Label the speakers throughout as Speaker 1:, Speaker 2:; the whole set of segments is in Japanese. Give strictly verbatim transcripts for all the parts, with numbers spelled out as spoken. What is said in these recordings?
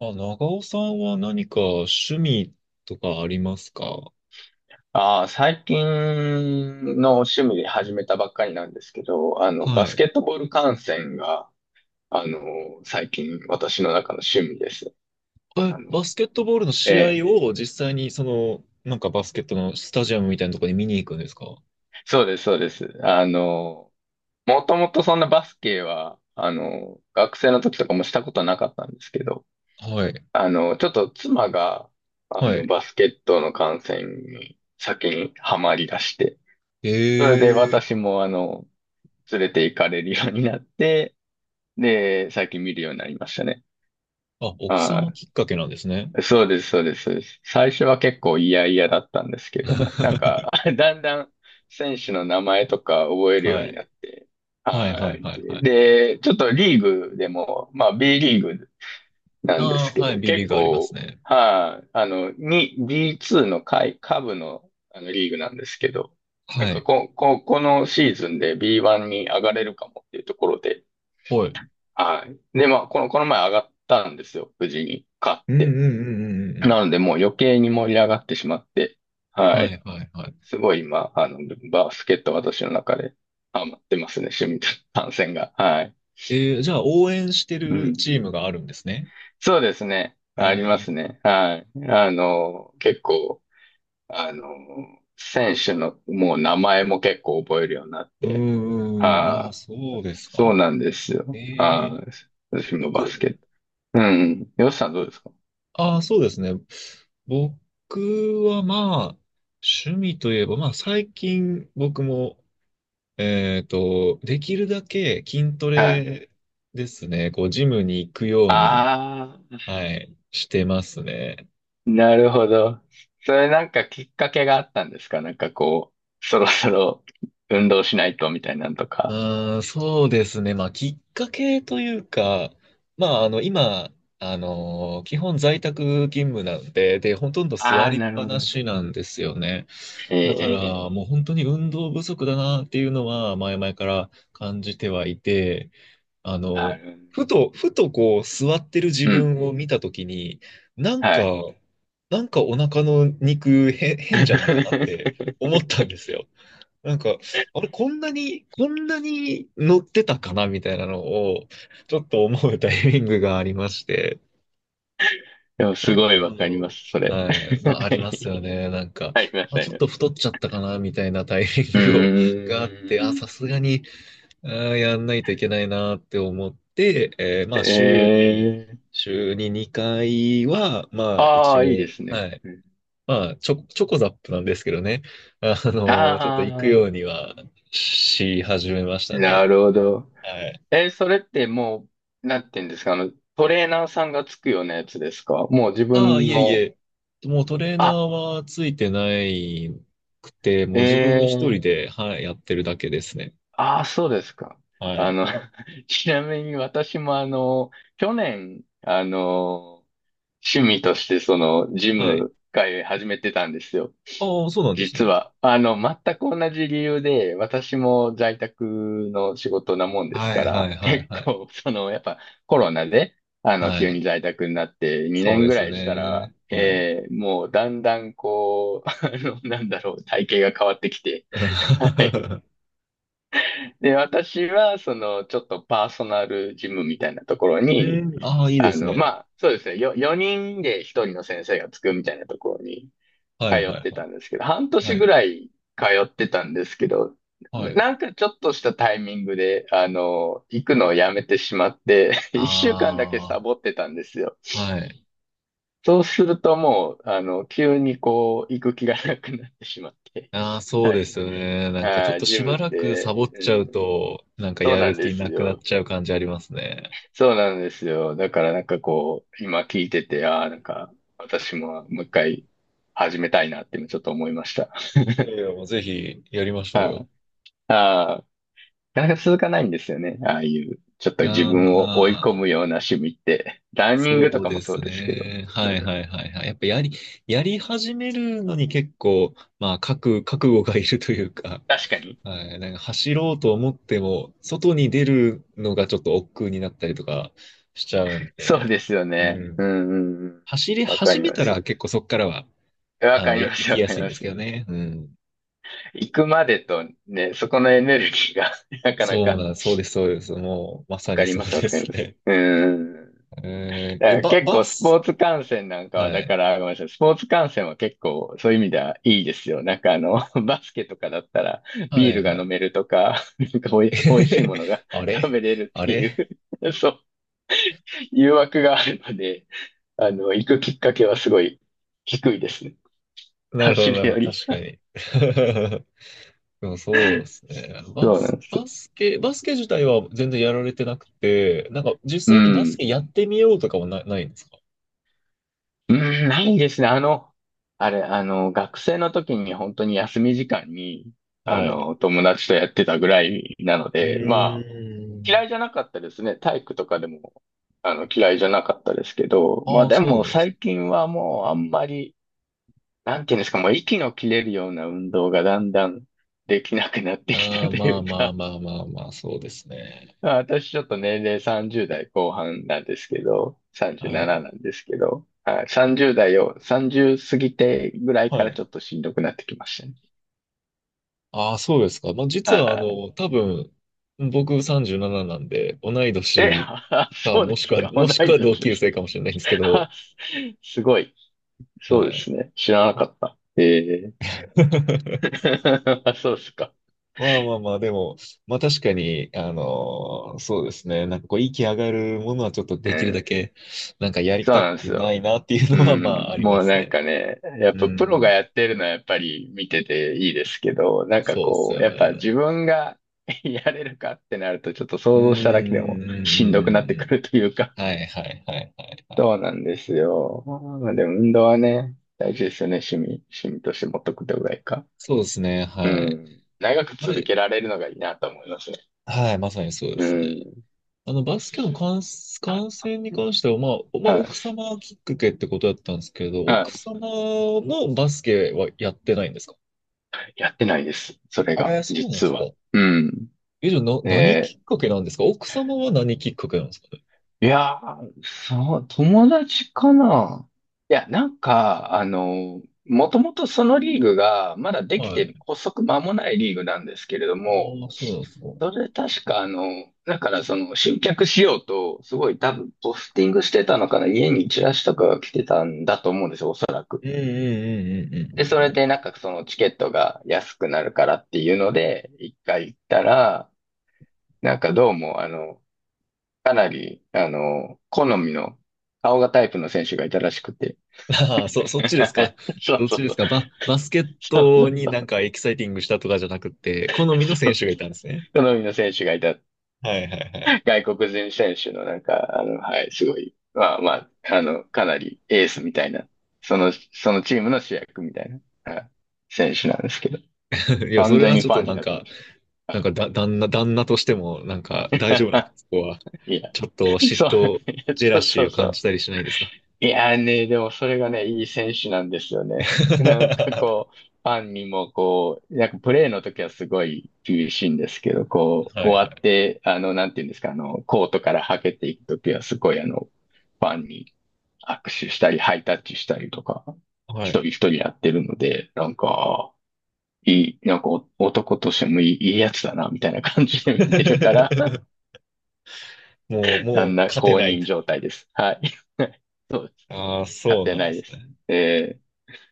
Speaker 1: あ、長尾さんは何か趣味とかありますか？
Speaker 2: ああ、最近の趣味で始めたばっかりなんですけど、あの、
Speaker 1: は
Speaker 2: バス
Speaker 1: い。
Speaker 2: ケットボール観戦が、あの、最近私の中の趣味です。
Speaker 1: え、
Speaker 2: あの、
Speaker 1: バスケットボールの
Speaker 2: え
Speaker 1: 試
Speaker 2: え、
Speaker 1: 合を実際にその、なんかバスケットのスタジアムみたいなところに見に行くんですか？
Speaker 2: そうです、そうです。あの、もともとそんなバスケは、あの、学生の時とかもしたことはなかったんですけど、
Speaker 1: はい。
Speaker 2: あの、ちょっと妻が、あ
Speaker 1: は
Speaker 2: の、
Speaker 1: い。
Speaker 2: バスケットの観戦に先にハマり出して、それで
Speaker 1: え
Speaker 2: 私
Speaker 1: え。
Speaker 2: も、あの、連れて行かれるようになって、で、最近見るようになりましたね。
Speaker 1: あ、奥様
Speaker 2: は
Speaker 1: きっかけなんですね。
Speaker 2: い。そうです、そうです、そうです。最初は結構嫌々だったんですけども、なんか、だんだん選手の名前とか覚えるよう
Speaker 1: は
Speaker 2: にな
Speaker 1: い。
Speaker 2: って、
Speaker 1: はい、は
Speaker 2: は
Speaker 1: い、
Speaker 2: い。
Speaker 1: はい、はい。
Speaker 2: で、ちょっとリーグでも、まあ B リーグなんで
Speaker 1: ああ、
Speaker 2: すけ
Speaker 1: はい、
Speaker 2: ど、
Speaker 1: B リ
Speaker 2: 結
Speaker 1: ーグあります
Speaker 2: 構、
Speaker 1: ね。
Speaker 2: はい、あの、に、ビーツー の下位、下部の、あのリーグなんですけど、なん
Speaker 1: は
Speaker 2: か
Speaker 1: い。
Speaker 2: こ、こ、このシーズンで ビーワン に上がれるかもっていうところで、
Speaker 1: はい。
Speaker 2: はい。で、まあ、この、この前上がったんですよ。無事に買っ
Speaker 1: うん、うん、
Speaker 2: て。
Speaker 1: うん、うん、うんう
Speaker 2: な
Speaker 1: ん。
Speaker 2: ので、もう余計に盛り上がってしまって、は
Speaker 1: は
Speaker 2: い。
Speaker 1: い、はい、はい。
Speaker 2: すごい今、あの、バスケット私の中でハマってますね。趣味と単線が。はい。
Speaker 1: えー、じゃあ応援して
Speaker 2: う
Speaker 1: る
Speaker 2: ん。
Speaker 1: チームがあるんですね。
Speaker 2: そうですね。
Speaker 1: え
Speaker 2: あります
Speaker 1: ー。
Speaker 2: ね。はい。あの、結構、あの、選手のもう名前も結構覚えるようになっ
Speaker 1: う
Speaker 2: て。
Speaker 1: ーん、ああ、
Speaker 2: はい。
Speaker 1: そうです
Speaker 2: そ
Speaker 1: か。
Speaker 2: うなんです
Speaker 1: え
Speaker 2: よ。
Speaker 1: え、
Speaker 2: はい。私もバス
Speaker 1: 僕、
Speaker 2: ケット。うん。よしさんどうですか？
Speaker 1: ああ、そうですね。僕はまあ、趣味といえば、まあ最近僕も、えっと、できるだけ筋ト
Speaker 2: はい。
Speaker 1: レですね。こう、ジムに行くように、
Speaker 2: ああ、
Speaker 1: はい、してますね。
Speaker 2: なるほど。それなんかきっかけがあったんですか？なんかこう、そろそろ運動しないとみたいなんと
Speaker 1: う
Speaker 2: か。
Speaker 1: ーん、そうですね。まあ、きっかけというか、まあ、あの、今、あの、基本在宅勤務なんで、で、ほとんど
Speaker 2: あ
Speaker 1: 座
Speaker 2: あ、
Speaker 1: りっ
Speaker 2: なる
Speaker 1: ぱ
Speaker 2: ほ
Speaker 1: な
Speaker 2: ど。
Speaker 1: しなんですよね。
Speaker 2: え
Speaker 1: だか
Speaker 2: え、
Speaker 1: らもう本当に運動不足だなっていうのは前々から感じてはいて、あ
Speaker 2: あ
Speaker 1: の、
Speaker 2: る。
Speaker 1: ふと、ふとこう座ってる自
Speaker 2: うん、
Speaker 1: 分を見たときに、なんか、
Speaker 2: はい。
Speaker 1: なんかお腹の肉へ変じゃないかなって思ったんです よ。なんか、あれ、こんなに、こんなに乗ってたかなみたいなのを、ちょっと思うタイミングがありまして。
Speaker 2: でも
Speaker 1: ちょ
Speaker 2: す
Speaker 1: っ
Speaker 2: ごいわかりま
Speaker 1: と、
Speaker 2: す、それ。
Speaker 1: はい、まあ、ありますよね。なんか、
Speaker 2: ありま
Speaker 1: ま
Speaker 2: す、
Speaker 1: あ、
Speaker 2: あ
Speaker 1: ち
Speaker 2: り
Speaker 1: ょっ
Speaker 2: ま
Speaker 1: と
Speaker 2: す。
Speaker 1: 太っちゃったかな、みたいなタイミ
Speaker 2: う
Speaker 1: ングを があって、あ、
Speaker 2: ー
Speaker 1: さ
Speaker 2: ん。
Speaker 1: すがに、あー、やんないといけないなって思って、えーまあ、週
Speaker 2: え
Speaker 1: に、
Speaker 2: え、
Speaker 1: 週ににかいは、まあ、
Speaker 2: あ
Speaker 1: 一応、
Speaker 2: あ、いいですね。
Speaker 1: はい。まあ、チョ、チョコザップなんですけどね。あの、ちょっと行く
Speaker 2: あ
Speaker 1: よう
Speaker 2: あ
Speaker 1: にはし始めました
Speaker 2: ー、な
Speaker 1: ね。
Speaker 2: るほど。
Speaker 1: はい。
Speaker 2: え、それってもう、なんて言うんですか、あの、トレーナーさんがつくようなやつですか？もう自
Speaker 1: ああ、
Speaker 2: 分
Speaker 1: いえい
Speaker 2: の、
Speaker 1: え。もうトレーナー
Speaker 2: あ、
Speaker 1: はついてないくて、もう自分一人
Speaker 2: ええ、
Speaker 1: で、はい、やってるだけですね。
Speaker 2: ああ、そうですか。
Speaker 1: は
Speaker 2: あ
Speaker 1: い。
Speaker 2: の、ちなみに私もあの、去年、あの、趣味としてそのジ
Speaker 1: はい。
Speaker 2: ム会始めてたんですよ。
Speaker 1: ああ、そうなんです
Speaker 2: 実
Speaker 1: ね。
Speaker 2: は、あの、全く同じ理由で、私も在宅の仕事なもんです
Speaker 1: はい、
Speaker 2: か
Speaker 1: は
Speaker 2: ら、
Speaker 1: い、はい、
Speaker 2: 結
Speaker 1: はい。
Speaker 2: 構、その、やっぱコロナで、あの、
Speaker 1: は
Speaker 2: 急
Speaker 1: い。
Speaker 2: に在宅になって2
Speaker 1: そう
Speaker 2: 年
Speaker 1: で
Speaker 2: ぐ
Speaker 1: す
Speaker 2: らいしたら、
Speaker 1: ね。はい。
Speaker 2: えーもうだんだんこう、あの、なんだろう、体型が変わってきて、はい。
Speaker 1: え
Speaker 2: で、私は、その、ちょっとパーソナルジムみたいなところに
Speaker 1: ー、ああ、いいで
Speaker 2: あ
Speaker 1: す
Speaker 2: の、ま
Speaker 1: ね。
Speaker 2: あ、そうですね。よ、よにんでひとりの先生がつくみたいなところに
Speaker 1: は
Speaker 2: 通
Speaker 1: い、
Speaker 2: っ
Speaker 1: はい、
Speaker 2: て
Speaker 1: はい。
Speaker 2: たんですけど、半年
Speaker 1: は
Speaker 2: ぐ
Speaker 1: い、
Speaker 2: らい通ってたんですけど、
Speaker 1: は
Speaker 2: な
Speaker 1: い。
Speaker 2: なんかちょっとしたタイミングで、あの、行くのをやめてしまって、
Speaker 1: あ
Speaker 2: いっしゅうかんだけサボってたんですよ。
Speaker 1: あ、はい。
Speaker 2: そうするともう、あの、急にこう、行く気がなくなってしまって。
Speaker 1: ああ、そう
Speaker 2: は
Speaker 1: で
Speaker 2: い。
Speaker 1: すよね。なんかちょっ
Speaker 2: あ、
Speaker 1: と
Speaker 2: ジ
Speaker 1: し
Speaker 2: ム
Speaker 1: ば
Speaker 2: っ
Speaker 1: らくサ
Speaker 2: て、
Speaker 1: ボっ
Speaker 2: う
Speaker 1: ちゃ
Speaker 2: ん、
Speaker 1: うと、なんか
Speaker 2: そう
Speaker 1: や
Speaker 2: な
Speaker 1: る
Speaker 2: んで
Speaker 1: 気
Speaker 2: す
Speaker 1: なくなっ
Speaker 2: よ。
Speaker 1: ちゃう感じありますね。
Speaker 2: そうなんですよ。だからなんかこう、今聞いてて、ああ、なんか私ももう一回始めたいなって今ちょっと思いました。
Speaker 1: いやいや、もうぜひやりま しょう
Speaker 2: あ
Speaker 1: よ。
Speaker 2: あ、なかなか続かないんですよね。ああいう、ちょっと自
Speaker 1: ああ、ま
Speaker 2: 分を追い込
Speaker 1: あ、
Speaker 2: むような趣味って。ランニングと
Speaker 1: そう
Speaker 2: か
Speaker 1: で
Speaker 2: もそう
Speaker 1: す
Speaker 2: ですけど。
Speaker 1: ね。はいはいはいはい。やっぱやり、やり始めるのに結構、まあ、覚、覚悟がいるというか、
Speaker 2: 確かに。
Speaker 1: はい、なんか走ろうと思っても、外に出るのがちょっと億劫になったりとかしちゃうん
Speaker 2: そう
Speaker 1: で、
Speaker 2: ですよね。
Speaker 1: う
Speaker 2: う
Speaker 1: ん。
Speaker 2: んうんうん。
Speaker 1: 走り
Speaker 2: わか
Speaker 1: 始
Speaker 2: り
Speaker 1: め
Speaker 2: ま
Speaker 1: たら
Speaker 2: す。
Speaker 1: 結構そっからは、
Speaker 2: わ
Speaker 1: あ
Speaker 2: か
Speaker 1: の、
Speaker 2: り
Speaker 1: や、
Speaker 2: ま
Speaker 1: 行
Speaker 2: す、
Speaker 1: き
Speaker 2: わ
Speaker 1: や
Speaker 2: かり
Speaker 1: すいん
Speaker 2: ま
Speaker 1: です
Speaker 2: す。
Speaker 1: けどね。うん。
Speaker 2: 行くまでとね、そこのエネルギーが なかな
Speaker 1: そう
Speaker 2: か
Speaker 1: なん、そうです、そうです。もう、ま
Speaker 2: わ
Speaker 1: さ
Speaker 2: か
Speaker 1: に
Speaker 2: り
Speaker 1: そう
Speaker 2: ます、わ
Speaker 1: で
Speaker 2: かり
Speaker 1: す
Speaker 2: ます。
Speaker 1: ね。
Speaker 2: うん。
Speaker 1: えー、え、
Speaker 2: だ
Speaker 1: ば、
Speaker 2: 結
Speaker 1: バ
Speaker 2: 構スポー
Speaker 1: ス。
Speaker 2: ツ観戦なんかは、
Speaker 1: は
Speaker 2: だか
Speaker 1: い。
Speaker 2: ら、ごめんなさい、スポーツ観戦は結構そういう意味ではいいですよ。なんかあの、バスケとかだったらビ
Speaker 1: は
Speaker 2: ー
Speaker 1: い
Speaker 2: ルが
Speaker 1: は
Speaker 2: 飲
Speaker 1: い
Speaker 2: めるとか、なんかおい、おいしいものが
Speaker 1: あ
Speaker 2: 食
Speaker 1: れ
Speaker 2: べれるっ
Speaker 1: あ
Speaker 2: てい
Speaker 1: れ
Speaker 2: う、そう、誘惑があるので、あの、行くきっかけはすごい低いですね。
Speaker 1: なるほど、
Speaker 2: 走
Speaker 1: なる
Speaker 2: る
Speaker 1: ほ
Speaker 2: よ
Speaker 1: ど。
Speaker 2: り。
Speaker 1: 確かに。でもそうですね。バ
Speaker 2: そうな
Speaker 1: ス、
Speaker 2: んです。
Speaker 1: バスケ、バスケ自体は全然やられてなくて、なんか
Speaker 2: う
Speaker 1: 実際にバス
Speaker 2: ん。
Speaker 1: ケやってみようとかもな、ないんですか？
Speaker 2: うん、ないですね。あの、あれ、あの、学生の時に本当に休み時間に、あ
Speaker 1: はい。
Speaker 2: の、友達とやってたぐらいなの
Speaker 1: うー
Speaker 2: で、まあ、
Speaker 1: ん。
Speaker 2: 嫌いじゃなかったですね。体育とかでも、あの、嫌いじゃなかったですけど、まあ
Speaker 1: ああ、
Speaker 2: で
Speaker 1: そう
Speaker 2: も
Speaker 1: なんです
Speaker 2: 最
Speaker 1: ね。
Speaker 2: 近はもうあんまり、なんていうんですか、もう息の切れるような運動がだんだんできなくなってき
Speaker 1: あ
Speaker 2: た
Speaker 1: あ、
Speaker 2: と
Speaker 1: ま
Speaker 2: い
Speaker 1: あ
Speaker 2: う
Speaker 1: まあ
Speaker 2: か、
Speaker 1: まあまあまあ、そうですね。
Speaker 2: まあ私ちょっと年齢さんじゅう代後半なんですけど、
Speaker 1: は
Speaker 2: さんじゅうななな
Speaker 1: い。
Speaker 2: ななんですけど、はい、さんじゅう代を、さんじゅう過ぎてぐらい
Speaker 1: は
Speaker 2: からち
Speaker 1: い。
Speaker 2: ょっとしんどくなってきましたね。
Speaker 1: ああ、そうですか。まあ実はあ
Speaker 2: はい。
Speaker 1: の、多分、僕さんじゅうなななななんで、同い
Speaker 2: え、
Speaker 1: 年 か、
Speaker 2: そう
Speaker 1: も
Speaker 2: で
Speaker 1: しく
Speaker 2: す
Speaker 1: は、
Speaker 2: か、同
Speaker 1: もしく
Speaker 2: い年
Speaker 1: は同
Speaker 2: で
Speaker 1: 級
Speaker 2: す。
Speaker 1: 生かもしれないんですけど、
Speaker 2: すごい。そ
Speaker 1: は
Speaker 2: うで
Speaker 1: い。
Speaker 2: すね。知らなかった。ええ あ、そうですか。
Speaker 1: まあまあまあ、でも、まあ確かに、あのーそうですね。なんかこう、息上がるものはちょっとで
Speaker 2: う
Speaker 1: きるだ
Speaker 2: ん。
Speaker 1: け、なんかやり
Speaker 2: そう
Speaker 1: た
Speaker 2: なんです
Speaker 1: くな
Speaker 2: よ。
Speaker 1: いなっていう
Speaker 2: う
Speaker 1: のは、まあ
Speaker 2: ん。
Speaker 1: ありま
Speaker 2: もう
Speaker 1: す
Speaker 2: なん
Speaker 1: ね。
Speaker 2: かね、やっ
Speaker 1: う
Speaker 2: ぱプロが
Speaker 1: ん。
Speaker 2: やってるのはやっぱり見てていいですけど、なんか
Speaker 1: そうっす
Speaker 2: こう、
Speaker 1: よ
Speaker 2: やっぱ自
Speaker 1: ね。
Speaker 2: 分が やれるかってなるとちょっと
Speaker 1: う
Speaker 2: 想
Speaker 1: ん、うん、
Speaker 2: 像しただけでも
Speaker 1: うん、
Speaker 2: しん
Speaker 1: うん、う
Speaker 2: どくなっ
Speaker 1: ん
Speaker 2: て
Speaker 1: う
Speaker 2: く
Speaker 1: ん。
Speaker 2: るというか。
Speaker 1: はい、はい、はい、はい、は い。
Speaker 2: そうなんですよ。まあでも運動はね、大事ですよね。趣味、趣味として持っとくってぐらいか。
Speaker 1: そうですね、
Speaker 2: う
Speaker 1: はい。
Speaker 2: ん。長く
Speaker 1: あ
Speaker 2: 続
Speaker 1: れ、
Speaker 2: けられるのがいいなと思いますね。
Speaker 1: はい、まさにそうで
Speaker 2: う
Speaker 1: すね。
Speaker 2: ん。
Speaker 1: あの、バスケの観、観戦に関しては、まあ、おまあ、
Speaker 2: はい。
Speaker 1: 奥様きっかけってことだったんですけど、
Speaker 2: は
Speaker 1: 奥
Speaker 2: い。
Speaker 1: 様もバスケはやってないんですか？
Speaker 2: やってないです。それが、
Speaker 1: えー、そうなんで
Speaker 2: 実
Speaker 1: すか。
Speaker 2: は。うん。
Speaker 1: え、じゃあ、な、何き
Speaker 2: え、
Speaker 1: っかけなんですか？奥様は何きっかけなんですかね？
Speaker 2: いやー、そう、友達かな。いや、なんか、あの、もともとそのリーグが、まだでき
Speaker 1: は
Speaker 2: て
Speaker 1: い。
Speaker 2: 発足間もないリーグなんですけれど
Speaker 1: あ
Speaker 2: も、
Speaker 1: あ、そうなんですか。う
Speaker 2: それ確か、あの、だからその集客しようと、すごい多分ポスティングしてたのかな、家にチラシとかが来てたんだと思うんですよ、おそらく。
Speaker 1: んうんうんうん
Speaker 2: で、そ
Speaker 1: うん
Speaker 2: れ
Speaker 1: うん。
Speaker 2: でなんかそのチケットが安くなるからっていうので、一回行ったら、なんかどうも、あの、かなり、あの、好みの顔がタイプの選手がいたらしくて。
Speaker 1: あ、 あ、そ、そっちですか。
Speaker 2: そう
Speaker 1: どっ
Speaker 2: そ
Speaker 1: ち
Speaker 2: う
Speaker 1: で
Speaker 2: そ
Speaker 1: す
Speaker 2: う。
Speaker 1: か？バ、バスケッ
Speaker 2: そうそ
Speaker 1: ト
Speaker 2: う
Speaker 1: に
Speaker 2: そ
Speaker 1: なん
Speaker 2: う。
Speaker 1: かエキサイティングしたとかじゃなくて、好みの
Speaker 2: そ
Speaker 1: 選
Speaker 2: う
Speaker 1: 手がいたんですね。
Speaker 2: 好みの選手がいた。
Speaker 1: はいはい
Speaker 2: 外国人選手のなんか、あの、はい、すごい。まあまあ、あの、かなりエースみたいな。その、そのチームの主役みたいな、はい、選手なんですけど。
Speaker 1: はい。いや、そ
Speaker 2: 完
Speaker 1: れ
Speaker 2: 全
Speaker 1: は
Speaker 2: に
Speaker 1: ちょっ
Speaker 2: ファ
Speaker 1: と
Speaker 2: ン
Speaker 1: な
Speaker 2: に
Speaker 1: ん
Speaker 2: なってま
Speaker 1: か、
Speaker 2: す。
Speaker 1: なん
Speaker 2: は
Speaker 1: かだ、旦那、旦那としても、なんか大丈夫なんですかそこは。
Speaker 2: い。いや、
Speaker 1: ちょっと嫉
Speaker 2: そう、
Speaker 1: 妬、ジェラ
Speaker 2: そう
Speaker 1: シ
Speaker 2: そ
Speaker 1: ーを
Speaker 2: うそ
Speaker 1: 感じ
Speaker 2: う。
Speaker 1: たりしないですか？
Speaker 2: いやーね、でもそれがね、いい選手なんですよね。なんかこう、ファンにもこう、なんかプレーの時はすごい厳しいんですけど、こう、
Speaker 1: はい
Speaker 2: 終わって、あの、なんていうんですか、あの、コートからはけていく時はすごいあの、ファンに握手したり、ハイタッチしたりとか、
Speaker 1: は
Speaker 2: 一
Speaker 1: い。は
Speaker 2: 人一
Speaker 1: い。
Speaker 2: 人やってるので、なんか、いい、なんかお男としてもいい、いいやつだな、みたいな感じで見てるから、
Speaker 1: もう、
Speaker 2: だ
Speaker 1: も
Speaker 2: ん
Speaker 1: う
Speaker 2: だん
Speaker 1: 勝て
Speaker 2: 公
Speaker 1: ない
Speaker 2: 認
Speaker 1: と。
Speaker 2: 状態です。はい。そうです。
Speaker 1: ああ、そ
Speaker 2: 勝
Speaker 1: う
Speaker 2: て
Speaker 1: なん
Speaker 2: な
Speaker 1: で
Speaker 2: い
Speaker 1: す
Speaker 2: です。
Speaker 1: ね。
Speaker 2: えー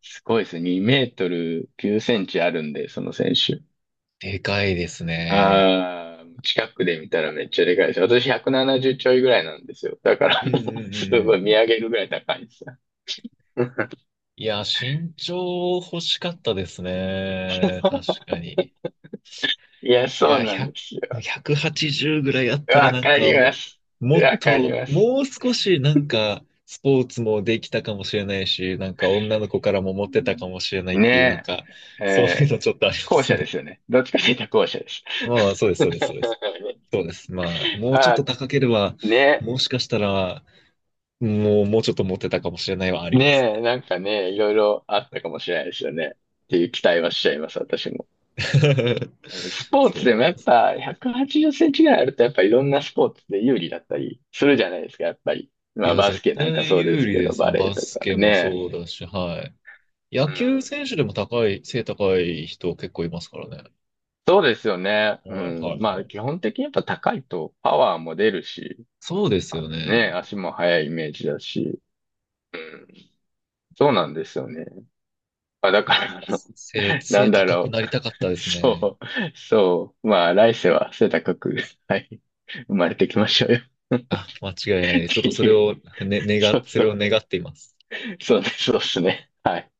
Speaker 2: すごいですね。にメートルきゅうセンチあるんで、その選手。
Speaker 1: でかいですね。
Speaker 2: ああ、近くで見たらめっちゃでかいです。私ひゃくななじゅうちょいぐらいなんですよ。だから
Speaker 1: うんうん
Speaker 2: も
Speaker 1: うん
Speaker 2: う、す
Speaker 1: う
Speaker 2: ごい
Speaker 1: んう
Speaker 2: 見
Speaker 1: ん。
Speaker 2: 上げるぐらい高いですよ。
Speaker 1: いや、身長欲しかったですね。確かに。
Speaker 2: いや、
Speaker 1: い
Speaker 2: そう
Speaker 1: や、
Speaker 2: なんです
Speaker 1: ひゃく、
Speaker 2: よ。
Speaker 1: ひゃくはちじゅうぐらいあったら
Speaker 2: わ
Speaker 1: なん
Speaker 2: か
Speaker 1: か
Speaker 2: りま
Speaker 1: も、
Speaker 2: す。
Speaker 1: もっ
Speaker 2: わかり
Speaker 1: と、
Speaker 2: ます。
Speaker 1: もう少しなんか、スポーツもできたかもしれないし、なんか女の子からもモテたかもしれないっていう、なん
Speaker 2: ね
Speaker 1: か、
Speaker 2: え、
Speaker 1: そうい
Speaker 2: え
Speaker 1: う
Speaker 2: ー、
Speaker 1: のちょっとありま
Speaker 2: 後
Speaker 1: す
Speaker 2: 者で
Speaker 1: ね。
Speaker 2: すよね。どっちかというと後者です。
Speaker 1: まあまあ、そうで す、
Speaker 2: ね、
Speaker 1: そうです、そうです。そうです。まあ、もうちょっ
Speaker 2: あ
Speaker 1: と高ければ、
Speaker 2: ー、ね、
Speaker 1: もしかしたら、もう、もうちょっと持ってたかもしれないはあります
Speaker 2: ね
Speaker 1: ね。
Speaker 2: え、なんかね、いろいろあったかもしれないですよね。っていう期待はしちゃいます、私も。ス ポー
Speaker 1: そ
Speaker 2: ツ
Speaker 1: う
Speaker 2: でも
Speaker 1: なん
Speaker 2: や
Speaker 1: で
Speaker 2: っ
Speaker 1: す。
Speaker 2: ぱひゃくはちじゅうセンチぐらいあるとやっぱいろんなスポーツで有利だったりするじゃないですか、やっぱり。
Speaker 1: い
Speaker 2: まあ
Speaker 1: や、
Speaker 2: バス
Speaker 1: 絶
Speaker 2: ケなんか
Speaker 1: 対
Speaker 2: そうで
Speaker 1: 有
Speaker 2: す
Speaker 1: 利
Speaker 2: け
Speaker 1: で
Speaker 2: ど、
Speaker 1: すよ。
Speaker 2: バレ
Speaker 1: バ
Speaker 2: ーと
Speaker 1: ス
Speaker 2: か
Speaker 1: ケも
Speaker 2: ね。
Speaker 1: そうだし、はい。野
Speaker 2: う
Speaker 1: 球
Speaker 2: ん。
Speaker 1: 選手でも高い、背高い人結構いますからね。
Speaker 2: そうですよね。う
Speaker 1: はい、は
Speaker 2: ん。
Speaker 1: い、
Speaker 2: ま
Speaker 1: は
Speaker 2: あ
Speaker 1: い。
Speaker 2: 基本的にやっぱ高いとパワーも出るし、
Speaker 1: そうですよね。
Speaker 2: ね、足も速いイメージだし。うん。そうなんですよね。まあだ
Speaker 1: や
Speaker 2: か
Speaker 1: っ
Speaker 2: ら
Speaker 1: ぱ
Speaker 2: あの、
Speaker 1: 背、
Speaker 2: なん
Speaker 1: 背
Speaker 2: だ
Speaker 1: 高く
Speaker 2: ろ
Speaker 1: なりたかった
Speaker 2: う。
Speaker 1: ですね。
Speaker 2: そう、そう。まあ来世は背高く、はい、生まれてきましょうよっ
Speaker 1: あ、間違いないです。ちょっ
Speaker 2: て
Speaker 1: とそれ
Speaker 2: いう。
Speaker 1: を、ね、願っ、
Speaker 2: そう
Speaker 1: そ
Speaker 2: そ
Speaker 1: れを
Speaker 2: う。
Speaker 1: 願っています。
Speaker 2: そうね、そうですね。はい。